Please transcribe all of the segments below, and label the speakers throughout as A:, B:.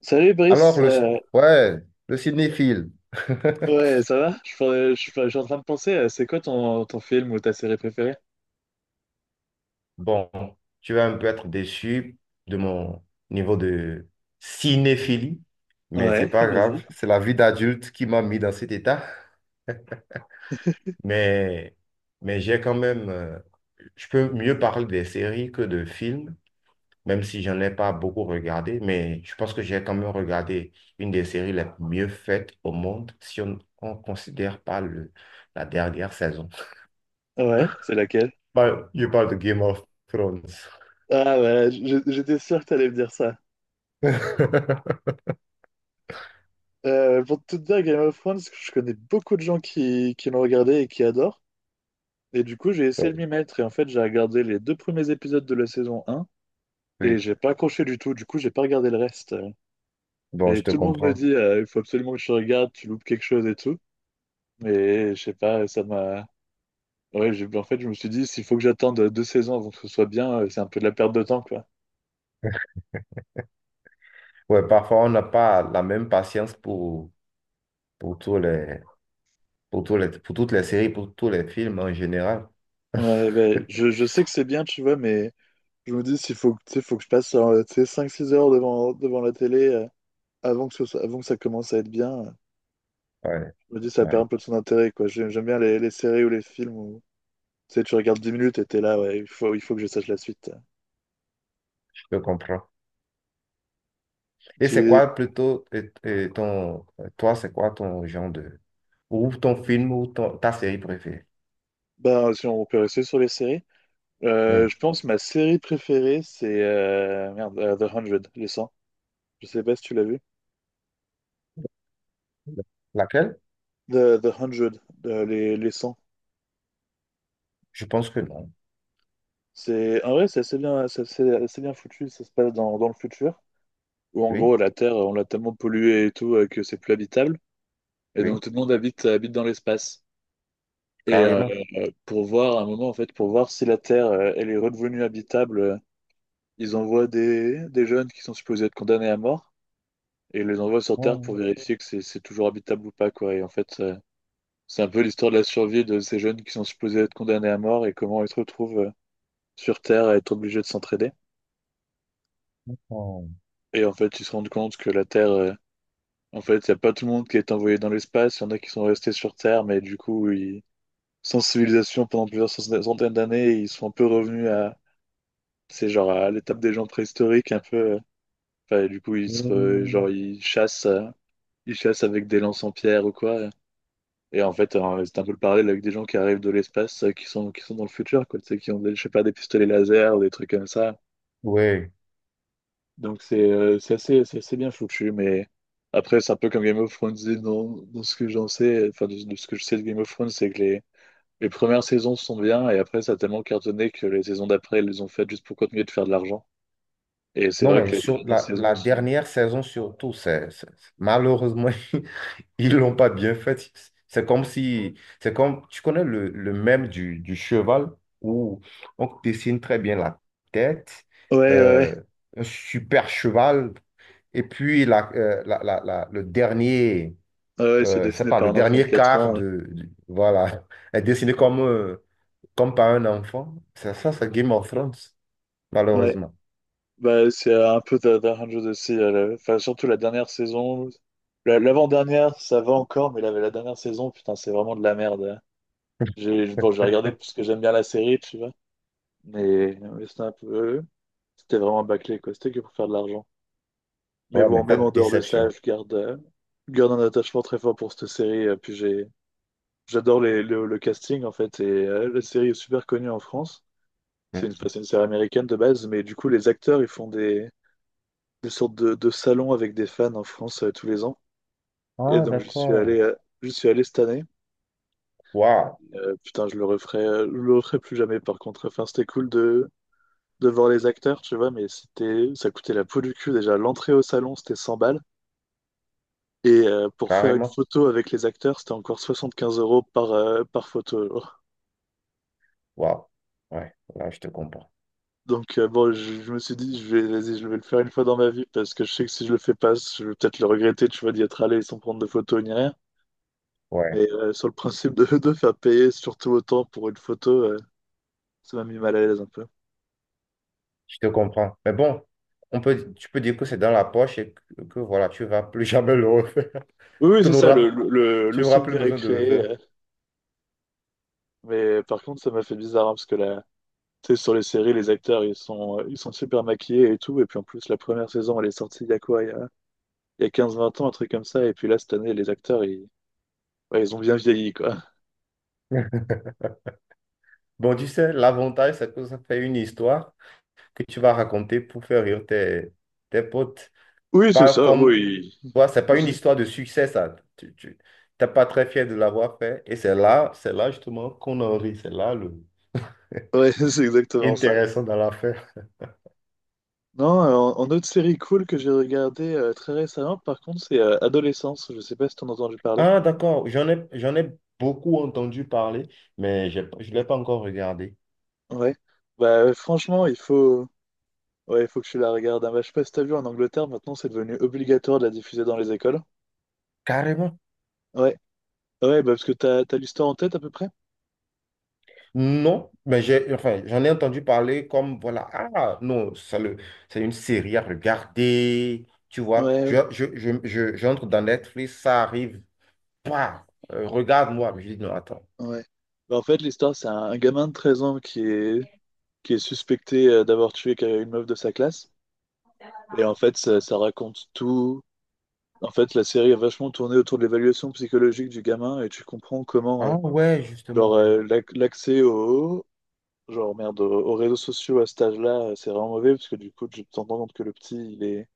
A: Salut Brice,
B: Alors, le, ouais, le cinéphile.
A: ouais ça va? Je suis en train de penser, c'est quoi ton film ou ta série préférée?
B: Bon, tu vas un peu être déçu de mon niveau de cinéphilie, mais c'est
A: Ouais,
B: pas
A: vas-y.
B: grave. C'est la vie d'adulte qui m'a mis dans cet état. Mais, mais j'ai quand même. Je peux mieux parler des séries que de films, même si j'en ai pas beaucoup regardé. Mais je pense que j'ai quand même regardé une des séries les mieux faites au monde, si on ne considère pas la dernière saison.
A: Ouais, c'est laquelle?
B: Bah, je parle de Game of Thrones.
A: Ah, ouais. J'étais sûr que t'allais me dire ça. Pour tout te dire, Game of Thrones, je connais beaucoup de gens qui l'ont regardé et qui adorent. Et du coup, j'ai essayé
B: Ouais.
A: de m'y mettre et en fait, j'ai regardé les deux premiers épisodes de la saison un et
B: Oui,
A: j'ai pas accroché du tout. Du coup, j'ai pas regardé le reste.
B: bon,
A: Et
B: je te
A: tout le monde me
B: comprends.
A: dit, il faut absolument que tu regardes, tu loupes quelque chose et tout. Mais je sais pas, ça m'a... Ouais, en fait, je me suis dit, s'il faut que j'attende deux saisons avant que ce soit bien, c'est un peu de la perte de temps, quoi.
B: Ouais, parfois, on n'a pas la même patience pour, pour tous les, pour toutes les séries, pour tous les films en général.
A: Ouais, ben, je sais que c'est bien, tu vois, mais je me dis, s'il faut, tu sais, faut que je passe tu sais, cinq six heures devant la télé, avant que ça commence à être bien,
B: Ouais,
A: je me dis, ça perd
B: ouais,
A: un peu de son intérêt, quoi. J'aime bien les séries ou les films où, tu sais, tu regardes 10 minutes et t'es là, ouais, il faut que je sache la suite.
B: je te comprends. Et c'est
A: Tu,
B: quoi plutôt toi, c'est quoi ton genre de, ou ton film ou ta série préférée?
A: Bah, si on peut rester sur les séries,
B: Hmm.
A: je pense que ma série préférée, c'est, merde, The 100, les cent. Je sais pas si tu l'as vu.
B: Laquelle?
A: The 100, les 100.
B: Je pense que non.
A: C'est, en vrai, c'est assez bien, assez bien foutu. Ça se passe dans le futur, où en
B: Oui,
A: gros, la Terre, on l'a tellement polluée et tout, que c'est plus habitable. Et donc,
B: oui,
A: tout le monde habite dans l'espace. Et
B: carrément.
A: pour voir, à un moment, en fait, pour voir si la Terre, elle est redevenue habitable, ils envoient des jeunes qui sont supposés être condamnés à mort et ils les envoient sur Terre
B: Oh,
A: pour vérifier que c'est toujours habitable ou pas, quoi. Et en fait, c'est un peu l'histoire de la survie de ces jeunes qui sont supposés être condamnés à mort et comment ils se retrouvent sur Terre à être obligé de s'entraider.
B: oh.
A: Et en fait, ils se rendent compte que la Terre, en fait, il n'y a pas tout le monde qui est envoyé dans l'espace, il y en a qui sont restés sur Terre, mais du coup, ils... sans civilisation pendant plusieurs centaines d'années, ils sont un peu revenus à, c'est genre à l'étape des gens préhistoriques, un peu. Enfin, et du coup,
B: Hmm.
A: genre, ils chassent avec des lances en pierre ou quoi. Et en fait, c'est un peu le parallèle avec des gens qui arrivent de l'espace, qui sont dans le futur, quoi, tu sais, qui ont, des, je sais pas, des pistolets laser, des trucs comme ça.
B: Oui.
A: Donc c'est assez bien foutu, mais après c'est un peu comme Game of Thrones et dans ce que j'en sais, enfin de ce que je sais de Game of Thrones, c'est que les premières saisons sont bien et après ça a tellement cartonné que les saisons d'après ils les ont faites juste pour continuer de faire de l'argent. Et c'est
B: Non,
A: vrai
B: mais
A: que les deux
B: sur
A: dernières saisons
B: la
A: sont...
B: dernière saison surtout, malheureusement, ils l'ont pas bien fait. C'est comme si, c'est comme, tu connais le mème du cheval où on dessine très bien la tête,
A: Ouais, ouais, ouais.
B: euh, un super cheval, et puis le dernier,
A: Ouais, ouais, c'est
B: c'est
A: dessiné
B: pas,
A: par
B: le
A: un enfant de
B: dernier
A: quatre
B: quart
A: ans. Ouais.
B: voilà, est dessiné comme par un enfant. C'est ça, c'est Game of Thrones,
A: Ouais.
B: malheureusement.
A: Bah, c'est un peu Da Hundred aussi. Enfin, surtout la dernière saison. L'avant-dernière, ça va encore, mais la dernière saison, putain, c'est vraiment de la merde, hein. Bon, j'ai regardé parce que j'aime bien la série, mais c'était un peu... C'était vraiment bâclé, quoi. C'était que pour faire de l'argent. Mais
B: Ouais,
A: bon,
B: mais
A: même en
B: cette
A: dehors de ça,
B: déception.
A: je garde un attachement très fort pour cette série. Puis j'adore le casting, en fait. Et la série est super connue en France.
B: Mm.
A: Enfin, c'est une série américaine de base. Mais du coup, les acteurs, ils font des sortes de salons avec des fans en France, tous les ans. Et
B: Ah,
A: donc, je suis
B: d'accord.
A: allé, euh, je suis allé cette année.
B: Waouh,
A: Putain, je le referai plus jamais, par contre. Enfin, c'était cool de... devant les acteurs, tu vois, mais ça coûtait la peau du cul déjà. L'entrée au salon, c'était 100 balles. Et pour faire une
B: carrément.
A: photo avec les acteurs, c'était encore 75 € par photo. Genre.
B: Waouh. Ouais, là, je te comprends.
A: Donc bon, je me suis dit, vas-y, je vais le faire une fois dans ma vie parce que je sais que si je le fais pas, je vais peut-être le regretter, tu vois, d'y être allé sans prendre de photos ni rien.
B: Ouais.
A: Mais sur le principe de, de faire payer surtout autant pour une photo, ça m'a mis mal à l'aise un peu.
B: Je te comprends. Mais bon, on peut, tu peux dire que c'est dans la poche et que voilà, tu vas plus jamais le refaire.
A: Oui, oui,
B: Tu
A: c'est ça, le,
B: n'auras,
A: le, le-
B: tu
A: le
B: n'auras plus
A: souvenir est
B: besoin de le
A: créé.
B: faire.
A: euh. Mais par contre, ça m'a fait bizarre, hein, parce que la... Tu sais, sur les séries, les acteurs, ils sont super maquillés et tout. Et puis en plus, la première saison, elle est sortie il y a quoi? Il y a quinze vingt ans, un truc comme ça. Et puis là, cette année, les acteurs, ils, ouais, ils ont bien vieilli, quoi.
B: Bon, tu sais, l'avantage, c'est que ça fait une histoire que tu vas raconter pour faire rire tes, tes potes.
A: Oui, c'est
B: Pas
A: ça,
B: comme,
A: oui.
B: voilà, c'est pas une histoire de succès, ça. T'es pas très fier de l'avoir fait. Et c'est là justement qu'on en rit. C'est là le
A: Ouais, c'est exactement ça.
B: intéressant dans l'affaire.
A: Non, en autre série cool que j'ai regardée très récemment, par contre, c'est Adolescence. Je sais pas si t'en as entendu parler.
B: Ah, d'accord. J'en ai beaucoup entendu parler, mais j'ai pas- je ne l'ai pas encore regardé.
A: Ouais. Bah, franchement, il faut... Ouais, il faut que tu la regardes. Ah, bah, je sais pas si t'as vu, en Angleterre, maintenant, c'est devenu obligatoire de la diffuser dans les écoles.
B: Carrément.
A: Ouais. Ouais, bah, parce que t'as l'histoire en tête, à peu près?
B: Non, mais j'ai, enfin, j'en ai entendu parler comme, voilà, ah non, c'est une série à regarder, tu vois.
A: Ouais.
B: J'entre dans Netflix, ça arrive, bah, regarde-moi. Mais je dis non, attends.
A: Ouais. Bah, en fait, l'histoire, c'est un gamin de 13 ans qui est suspecté, d'avoir tué une meuf de sa classe. Et en fait, ça raconte tout. En fait, la série a vachement tourné autour de l'évaluation psychologique du gamin et tu comprends comment,
B: Ah ouais, justement,
A: genre,
B: ouais.
A: l'accès au, genre, merde, aux réseaux sociaux à cet âge-là, c'est vraiment mauvais parce que du coup, tu te rends compte que le petit,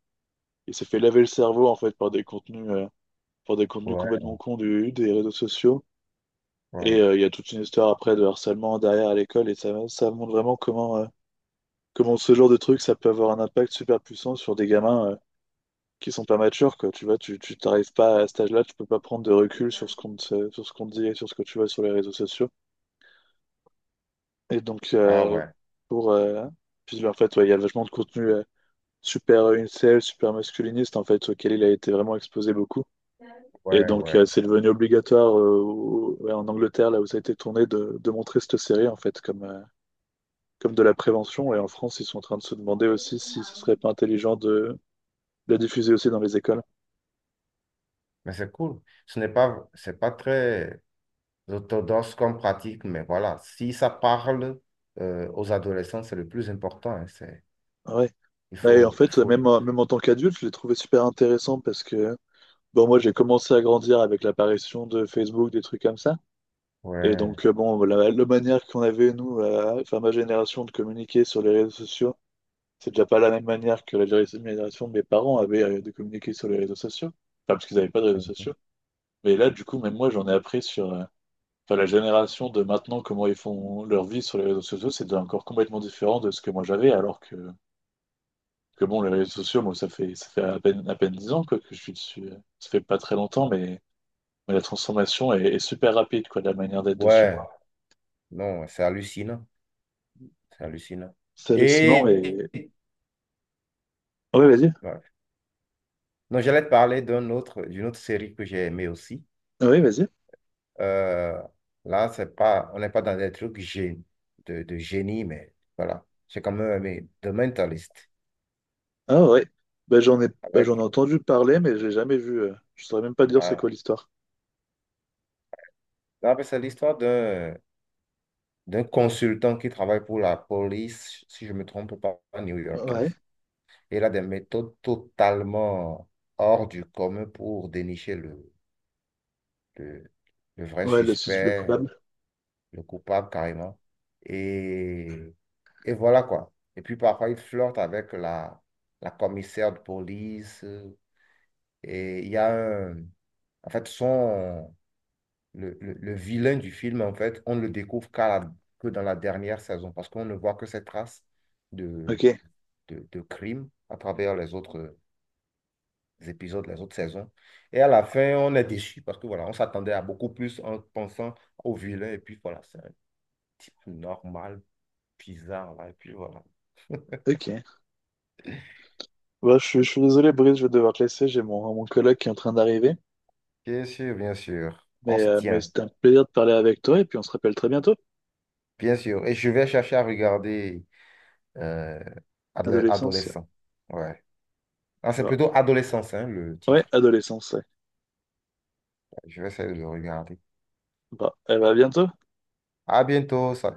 A: il s'est fait laver le cerveau, en fait, par des contenus
B: Ouais,
A: complètement cons des réseaux sociaux. Et
B: ouais.
A: il y a toute une histoire après de harcèlement derrière à l'école, et ça montre vraiment comment ce genre de truc, ça peut avoir un impact super puissant sur des gamins, qui sont pas matures, quoi. Tu vois, tu t'arrives pas à cet âge-là, tu peux pas prendre de recul sur ce qu'on te dit et sur ce que tu vois sur les réseaux sociaux. Et donc,
B: Ah ouais,
A: pour, euh, puis en fait, ouais, il y a vachement de contenu, super, incel, super masculiniste, en fait, auquel il a été vraiment exposé beaucoup. Et
B: ouais,
A: donc,
B: ouais.
A: c'est devenu obligatoire, ouais, en Angleterre, là où ça a été tourné, de montrer cette série, en fait, comme de la prévention. Et en France, ils sont en train de se demander aussi si ce serait pas intelligent de la diffuser aussi dans les écoles.
B: Mais c'est cool. Ce n'est pas, c'est pas très orthodoxe comme pratique, mais voilà, si ça parle aux adolescents, c'est le plus important. Hein, c'est,
A: Ah, ouais. Et en
B: il
A: fait,
B: faut,
A: même, même en tant qu'adulte, je l'ai trouvé super intéressant parce que, bon, moi, j'ai commencé à grandir avec l'apparition de Facebook, des trucs comme ça. Et
B: ouais.
A: donc, bon, la manière qu'on avait, nous, enfin, ma génération, de communiquer sur les réseaux sociaux, c'est déjà pas la même manière que la génération de mes parents avaient, de communiquer sur les réseaux sociaux. Enfin, parce qu'ils n'avaient pas de réseaux
B: Mhm.
A: sociaux. Mais là, du coup, même moi, j'en ai appris sur, enfin, la génération de maintenant, comment ils font leur vie sur les réseaux sociaux. C'est déjà encore complètement différent de ce que moi j'avais, alors que bon, les réseaux sociaux, moi, ça fait à peine 10 ans, quoi, que je suis dessus. Ça fait pas très longtemps, mais la transformation est super rapide, quoi, de la manière d'être dessus.
B: Ouais. Non, c'est hallucinant. C'est hallucinant.
A: C'est hallucinant,
B: Et
A: et... Oui, vas-y.
B: ouais. Non, j'allais te parler d'une autre série que j'ai aimée aussi.
A: Oui, vas-y.
B: Euh, là, c'est pas, on n'est pas dans des trucs de génie, mais voilà. J'ai quand même aimé The Mentalist.
A: Ah, ouais, bah, j'en ai, bah,
B: Avec,
A: j'en ai entendu parler, mais j'ai jamais vu. Je saurais même pas dire c'est
B: ah,
A: quoi l'histoire.
B: là, c'est l'histoire d'un consultant qui travaille pour la police, si je ne me trompe pas,
A: Ouais,
B: new-yorkaise. Et il a des méthodes totalement hors du commun pour dénicher le, le vrai
A: ouais, le
B: suspect
A: coupable.
B: le coupable carrément. Et, et voilà quoi. Et puis parfois, il flirte avec la commissaire de police. Et il y a un... En fait, son... Le vilain du film, en fait, on ne le découvre que dans la dernière saison parce qu'on ne voit que ses traces de,
A: Ok,
B: de crime à travers les autres épisodes, les autres saisons. Et à la fin, on est déçu parce que voilà, on s'attendait à beaucoup plus en pensant au vilain. Et puis voilà, c'est un type normal bizarre là. Et puis voilà.
A: ok. Bah, je suis désolé, Brice, je vais devoir te laisser. J'ai mon collègue qui est en train d'arriver.
B: Bien sûr, bien sûr. On
A: Mais,
B: se
A: euh, mais
B: tient.
A: c'était un plaisir de parler avec toi, et puis on se rappelle très bientôt.
B: Bien sûr. Et je vais chercher à regarder euh,
A: Adolescence, ouais.
B: Adolescent. Ouais. Ah, c'est
A: Bah,
B: plutôt Adolescence, hein, le
A: ouais,
B: titre.
A: adolescence, ouais.
B: Je vais essayer de le regarder.
A: Bah, eh bah, à bientôt.
B: À bientôt. Ça-